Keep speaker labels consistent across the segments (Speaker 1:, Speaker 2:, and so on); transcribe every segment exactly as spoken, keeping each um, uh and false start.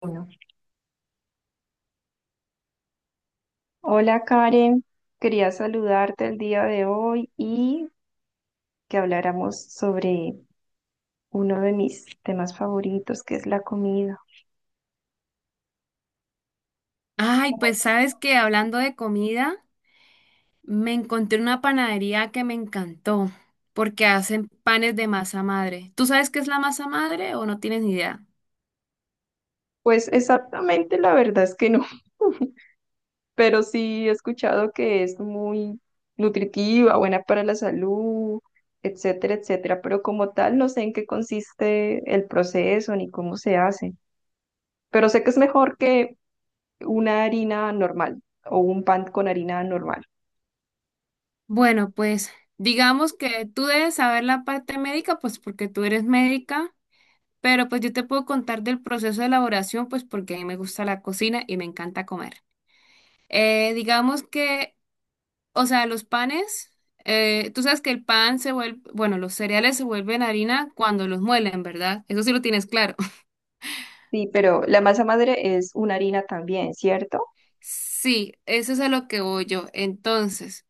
Speaker 1: Bueno, hola Karen, quería saludarte el día de hoy y que habláramos sobre uno de mis temas favoritos, que es la comida.
Speaker 2: Ay,
Speaker 1: ¿Cómo
Speaker 2: pues
Speaker 1: has
Speaker 2: sabes
Speaker 1: estado?
Speaker 2: que hablando de comida, me encontré una panadería que me encantó porque hacen panes de masa madre. ¿Tú sabes qué es la masa madre o no tienes ni idea?
Speaker 1: Pues exactamente la verdad es que no, pero sí he escuchado que es muy nutritiva, buena para la salud, etcétera, etcétera, pero como tal no sé en qué consiste el proceso ni cómo se hace, pero sé que es mejor que una harina normal o un pan con harina normal.
Speaker 2: Bueno, pues digamos que tú debes saber la parte médica, pues porque tú eres médica, pero pues yo te puedo contar del proceso de elaboración, pues porque a mí me gusta la cocina y me encanta comer. Eh, digamos que O sea, los panes, eh, tú sabes que el pan se vuelve, bueno, los cereales se vuelven harina cuando los muelen, ¿verdad? Eso sí lo tienes claro.
Speaker 1: Sí, pero la masa madre es una harina también, ¿cierto?
Speaker 2: Sí, eso es a lo que voy yo. Entonces,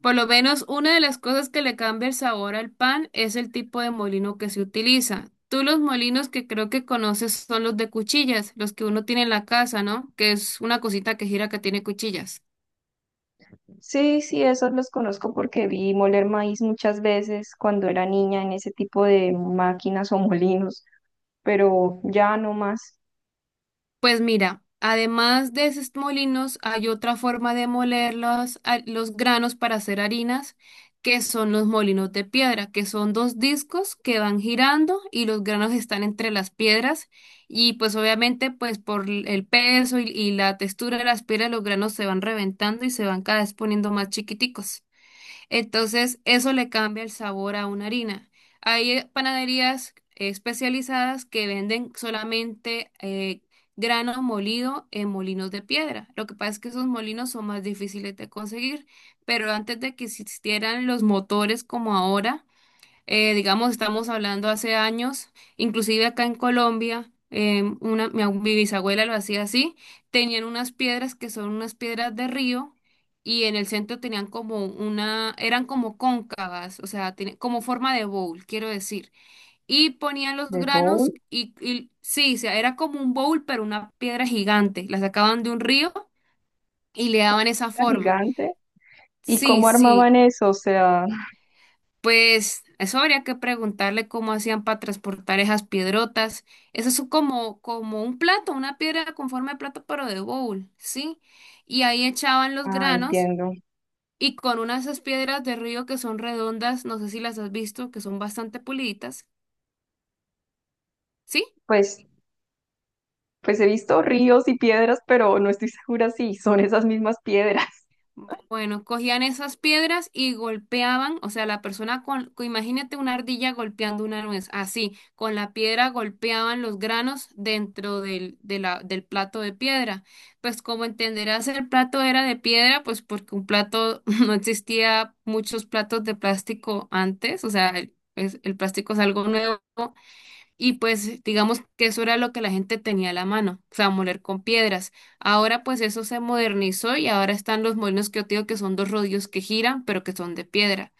Speaker 2: por lo menos una de las cosas que le cambia el sabor al pan es el tipo de molino que se utiliza. Tú los molinos que creo que conoces son los de cuchillas, los que uno tiene en la casa, ¿no? Que es una cosita que gira que tiene cuchillas.
Speaker 1: Sí, sí, esos los conozco porque vi moler maíz muchas veces cuando era niña en ese tipo de máquinas o molinos, pero ya no más.
Speaker 2: Pues mira, además de esos molinos, hay otra forma de moler los, a- los granos para hacer harinas, que son los molinos de piedra, que son dos discos que van girando y los granos están entre las piedras y pues obviamente pues por l- el peso y, y la textura de las piedras los granos se van reventando y se van cada vez poniendo más chiquiticos. Entonces, eso le cambia el sabor a una harina. Hay eh, panaderías especializadas que venden solamente eh, grano molido en molinos de piedra. Lo que pasa es que esos molinos son más difíciles de conseguir, pero antes de que existieran los motores como ahora, eh, digamos, estamos hablando hace años, inclusive acá en Colombia, eh, una, mi, abu- mi bisabuela lo hacía así, tenían unas piedras que son unas piedras de río y en el centro tenían como una, eran como cóncavas, o sea, tiene- como forma de bowl, quiero decir, y ponían los
Speaker 1: De
Speaker 2: granos
Speaker 1: bowl,
Speaker 2: y, y sí, o sea, era como un bowl, pero una piedra gigante, la sacaban de un río y le
Speaker 1: una
Speaker 2: daban esa
Speaker 1: piedra
Speaker 2: forma.
Speaker 1: gigante. ¿Y
Speaker 2: Sí,
Speaker 1: cómo
Speaker 2: sí.
Speaker 1: armaban eso? O sea,
Speaker 2: Pues eso habría que preguntarle cómo hacían para transportar esas piedrotas. Eso es como, como un plato, una piedra con forma de plato, pero de bowl, ¿sí? Y ahí echaban los
Speaker 1: ah,
Speaker 2: granos
Speaker 1: entiendo.
Speaker 2: y con unas esas piedras de río que son redondas, no sé si las has visto, que son bastante puliditas, ¿sí?
Speaker 1: Pues, pues he visto ríos y piedras, pero no estoy segura si son esas mismas piedras.
Speaker 2: Bueno, cogían esas piedras y golpeaban, o sea, la persona con, con- imagínate una ardilla golpeando una nuez, así, con la piedra golpeaban los granos dentro del, de la, del plato de piedra. Pues como entenderás, el plato era de piedra, pues porque un plato no existía muchos platos de plástico antes, o sea, el, es- el plástico es algo nuevo y pues digamos que eso era lo que la gente tenía a la mano, o sea, moler con piedras. Ahora pues eso se modernizó y ahora están los molinos que yo te digo que son dos rodillos que giran, pero que son de piedra.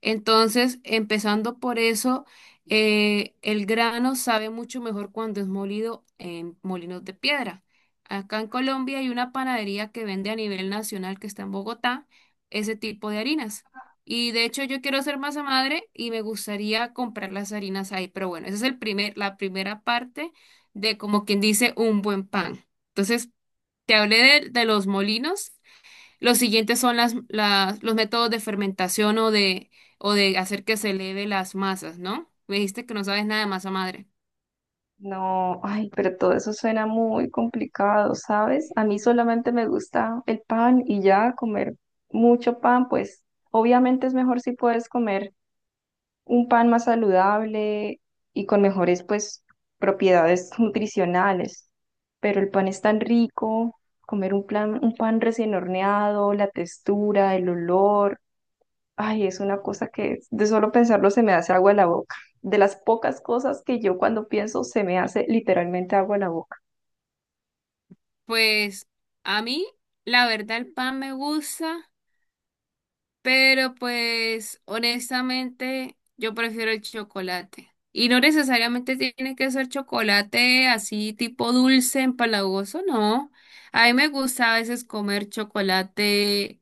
Speaker 2: Entonces, empezando por eso, eh, el grano sabe mucho mejor cuando es molido en molinos de piedra. Acá en Colombia hay una panadería que vende a nivel nacional que está en Bogotá ese tipo de harinas. Y de hecho yo quiero ser masa madre y me gustaría comprar las harinas ahí. Pero bueno, esa es el primer, la primera parte de como quien dice un buen pan. Entonces, te hablé de, de los molinos. Los siguientes son las, las- los métodos de fermentación o de, o de hacer que se eleve las masas, ¿no? Me dijiste que no sabes nada de masa madre.
Speaker 1: No, ay, pero todo eso suena muy complicado, ¿sabes? A mí solamente me gusta el pan y ya comer mucho pan, pues obviamente es mejor si puedes comer un pan más saludable y con mejores, pues, propiedades nutricionales. Pero el pan es tan rico, comer un plan, un pan recién horneado, la textura, el olor. Ay, es una cosa que de solo pensarlo se me hace agua en la boca. De las pocas cosas que yo cuando pienso se me hace literalmente agua en la boca.
Speaker 2: Pues a mí, la verdad, el pan me gusta, pero pues honestamente yo prefiero el chocolate. Y no necesariamente tiene que ser chocolate así tipo dulce, empalagoso, no. A mí me gusta a veces comer chocolate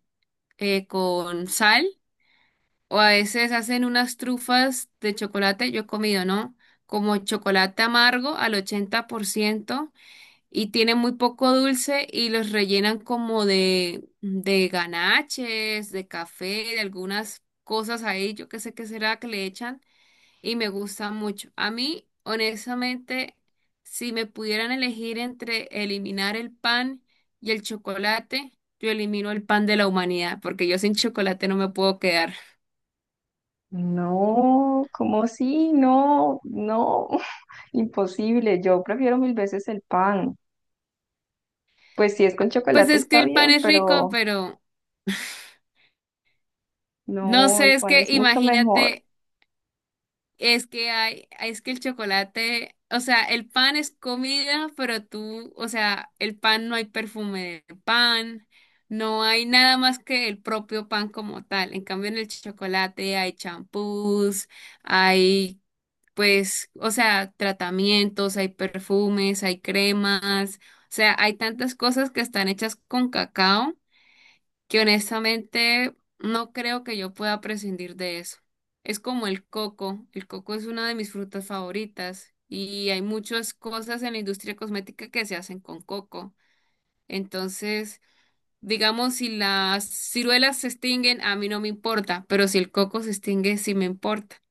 Speaker 2: eh, con sal. O a veces hacen unas trufas de chocolate, yo he comido, ¿no? Como chocolate amargo al ochenta por ciento y tiene muy poco dulce y los rellenan como de, de ganaches, de café, de algunas cosas ahí, yo qué sé qué será que le echan y me gusta mucho. A mí, honestamente, si me pudieran elegir entre eliminar el pan y el chocolate, yo elimino el pan de la humanidad porque yo sin chocolate no me puedo quedar.
Speaker 1: No, cómo si, no, no, imposible. Yo prefiero mil veces el pan. Pues si es con
Speaker 2: Pues
Speaker 1: chocolate
Speaker 2: es que
Speaker 1: está
Speaker 2: el pan
Speaker 1: bien,
Speaker 2: es rico,
Speaker 1: pero
Speaker 2: pero no
Speaker 1: no, el
Speaker 2: sé, es
Speaker 1: pan es
Speaker 2: que
Speaker 1: mucho mejor.
Speaker 2: imagínate, es que hay, es que el chocolate, o sea, el pan es comida, pero tú, o sea, el pan no hay perfume de pan, no hay nada más que el propio pan como tal. En cambio, en el chocolate hay champús, hay, pues, o sea, tratamientos, hay perfumes, hay cremas, o sea, hay tantas cosas que están hechas con cacao que honestamente no creo que yo pueda prescindir de eso. Es como el coco. El coco es una de mis frutas favoritas y hay muchas cosas en la industria cosmética que se hacen con coco. Entonces, digamos, si las ciruelas se extinguen, a mí no me importa, pero si el coco se extingue, sí me importa,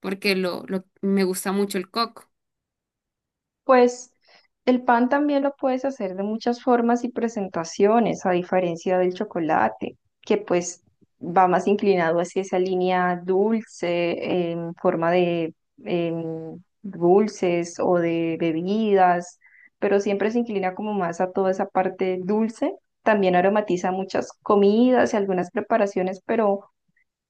Speaker 2: porque lo, lo, me gusta mucho el coco.
Speaker 1: Pues el pan también lo puedes hacer de muchas formas y presentaciones, a diferencia del chocolate, que pues va más inclinado hacia esa línea dulce, en forma de em, dulces o de bebidas, pero siempre se inclina como más a toda esa parte dulce. También aromatiza muchas comidas y algunas preparaciones, pero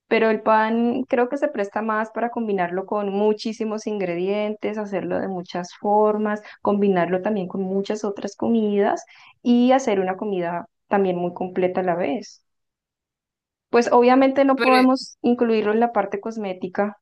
Speaker 1: pero el pan creo que se presta más para combinarlo con muchísimos ingredientes, hacerlo de muchas formas, combinarlo también con muchas otras comidas y hacer una comida también muy completa a la vez. Pues obviamente no
Speaker 2: Pero
Speaker 1: podemos incluirlo en la parte cosmética,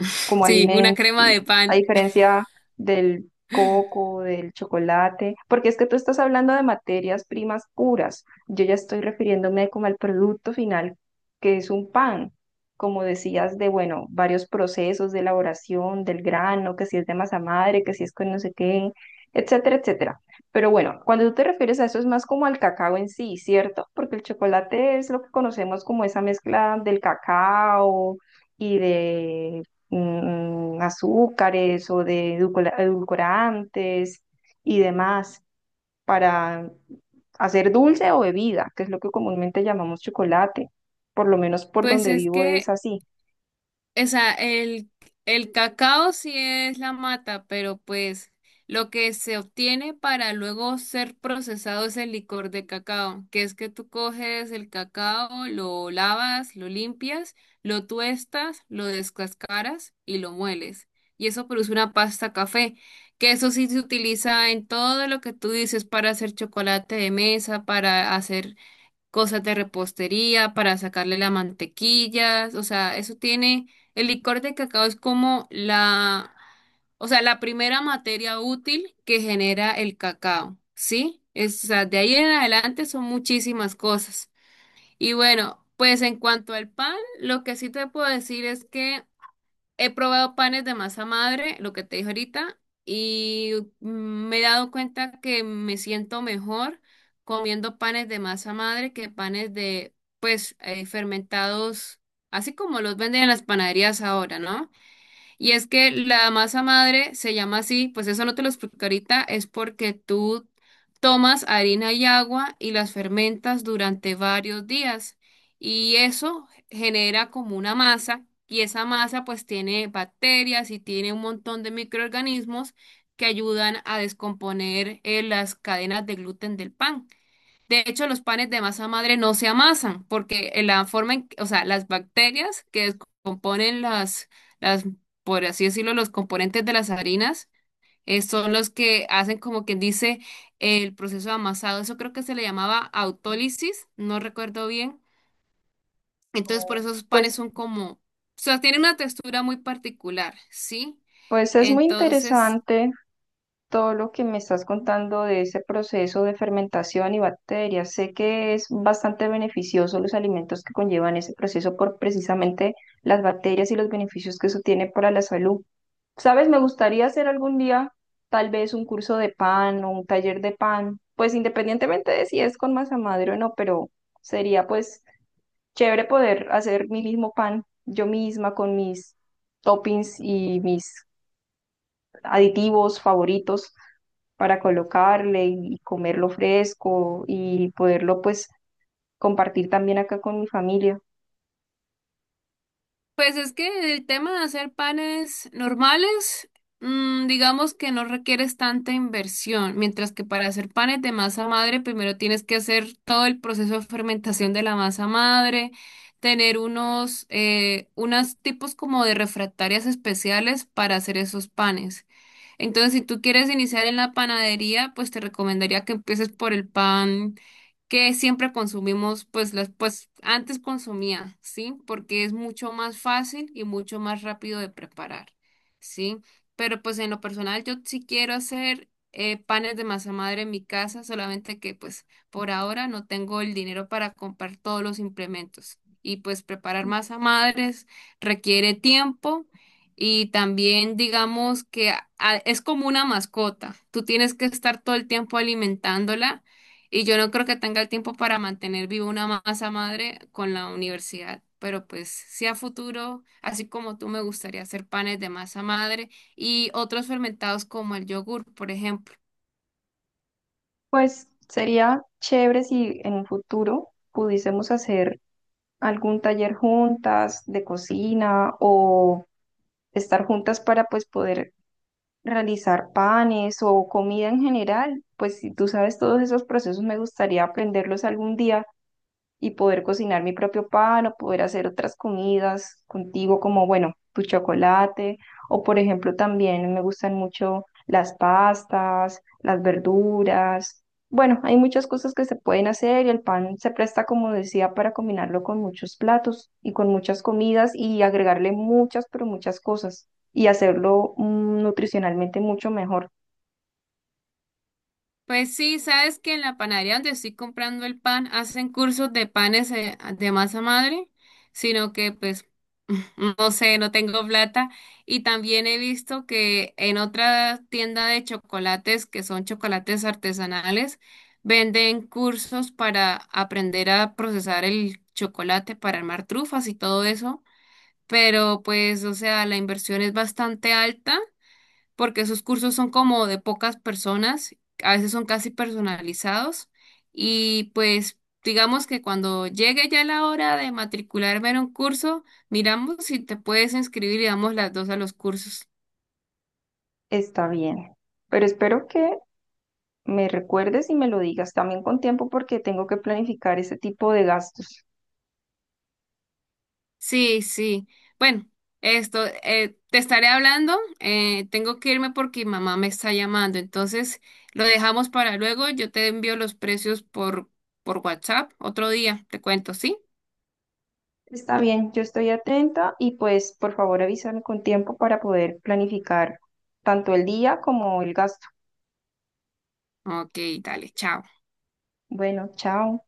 Speaker 1: como
Speaker 2: sí, una
Speaker 1: alimento,
Speaker 2: crema de
Speaker 1: a
Speaker 2: pan.
Speaker 1: diferencia del coco, del chocolate, porque es que tú estás hablando de materias primas puras. Yo ya estoy refiriéndome como al producto final, que es un pan, como decías, de, bueno, varios procesos de elaboración del grano, que si es de masa madre, que si es con no sé qué, etcétera, etcétera. Pero bueno, cuando tú te refieres a eso es más como al cacao en sí, ¿cierto? Porque el chocolate es lo que conocemos como esa mezcla del cacao, y de mm, azúcares o de edulcora- edulcorantes y demás para hacer dulce o bebida, que es lo que comúnmente llamamos chocolate. Por lo menos por
Speaker 2: Pues
Speaker 1: donde
Speaker 2: es
Speaker 1: vivo es
Speaker 2: que
Speaker 1: así.
Speaker 2: o sea el, el cacao sí es la mata, pero pues lo que se obtiene para luego ser procesado es el licor de cacao, que es que tú coges el cacao, lo lavas, lo limpias, lo tuestas, lo descascaras y lo mueles. Y eso produce una pasta café, que eso sí se utiliza en todo lo que tú dices para hacer chocolate de mesa, para hacer cosas de repostería para sacarle la mantequilla, o sea, eso tiene, el licor de cacao es como la, o sea, la primera materia útil que genera el cacao, ¿sí? Es, o sea, de ahí en adelante son muchísimas cosas. Y bueno, pues en cuanto al pan, lo que sí te puedo decir es que he probado panes de masa madre, lo que te dije ahorita, y mm, me he dado cuenta que me siento mejor comiendo panes de masa madre que panes de, pues, eh, fermentados, así como los venden en las panaderías ahora, ¿no? Y es que la masa madre se llama así, pues eso no te lo explico ahorita, es porque tú tomas harina y agua y las fermentas durante varios días y eso genera como una masa y esa masa pues tiene bacterias y tiene un montón de microorganismos que ayudan a descomponer eh, las cadenas de gluten del pan. De hecho, los panes de masa madre no se amasan porque en la forma en, que- o sea, las bacterias que descomponen las, las, por así decirlo, los componentes de las harinas, eh, son los que hacen como quien dice el proceso de amasado. Eso creo que se le llamaba autólisis, no recuerdo bien. Entonces, por
Speaker 1: Oh.
Speaker 2: eso esos panes
Speaker 1: Pues,
Speaker 2: son como, o sea, tienen una textura muy particular, ¿sí?
Speaker 1: pues es muy
Speaker 2: Entonces,
Speaker 1: interesante todo lo que me estás contando de ese proceso de fermentación y bacterias. Sé que es bastante beneficioso los alimentos que conllevan ese proceso por precisamente las bacterias y los beneficios que eso tiene para la salud. ¿Sabes? Me gustaría hacer algún día tal vez un curso de pan o un taller de pan, pues independientemente de si es con masa madre o no, pero sería pues chévere poder hacer mi mismo pan yo misma con mis toppings y mis aditivos favoritos para colocarle y comerlo fresco y poderlo pues compartir también acá con mi familia.
Speaker 2: pues es que el tema de hacer panes normales, mm, digamos que no requieres tanta inversión, mientras que para hacer panes de masa madre, primero tienes que hacer todo el proceso de fermentación de la masa madre, tener unos, eh, unos tipos como de refractarias especiales para hacer esos panes. Entonces, si tú quieres iniciar en la panadería, pues te recomendaría que empieces por el pan que siempre consumimos, pues, las, pues antes consumía, ¿sí? Porque es mucho más fácil y mucho más rápido de preparar, ¿sí? Pero pues en lo personal yo sí quiero hacer eh, panes de masa madre en mi casa, solamente que pues por ahora no tengo el dinero para comprar todos los implementos. Y pues preparar masa madres requiere tiempo y también digamos que a- a- es como una mascota. Tú tienes que estar todo el tiempo alimentándola y yo no creo que tenga el tiempo para mantener viva una masa madre con la universidad, pero pues sí a futuro, así como tú, me gustaría hacer panes de masa madre y otros fermentados como el yogur, por ejemplo.
Speaker 1: Pues sería chévere si en un futuro pudiésemos hacer algún taller juntas de cocina o estar juntas para pues poder realizar panes o comida en general. Pues si tú sabes todos esos procesos, me gustaría aprenderlos algún día y poder cocinar mi propio pan o poder hacer otras comidas contigo, como bueno, tu chocolate, o por ejemplo también me gustan mucho las pastas, las verduras. Bueno, hay muchas cosas que se pueden hacer y el pan se presta, como decía, para combinarlo con muchos platos y con muchas comidas y agregarle muchas, pero muchas cosas y hacerlo mm, nutricionalmente mucho mejor.
Speaker 2: Pues sí, sabes que en la panadería donde estoy comprando el pan hacen cursos de panes eh, de masa madre, sino que pues no sé, no tengo plata. Y también he visto que en otra tienda de chocolates, que son chocolates artesanales, venden cursos para aprender a procesar el chocolate para armar trufas y todo eso. Pero pues, o sea, la inversión es bastante alta porque sus cursos son como de pocas personas, a veces son casi personalizados y pues digamos que cuando llegue ya la hora de matricularme en un curso, miramos si te puedes inscribir y damos las dos a los cursos.
Speaker 1: Está bien. Pero espero que me recuerdes y me lo digas también con tiempo porque tengo que planificar ese tipo de gastos.
Speaker 2: Sí, sí. Bueno, esto, eh, te estaré hablando, eh, tengo que irme porque mi mamá me está llamando, entonces lo dejamos para luego, yo te envío los precios por, por WhatsApp otro día, te cuento, ¿sí?
Speaker 1: Está bien, yo estoy atenta y pues por favor avísame con tiempo para poder planificar tanto el día como el gasto.
Speaker 2: Ok, dale, chao.
Speaker 1: Bueno, chao.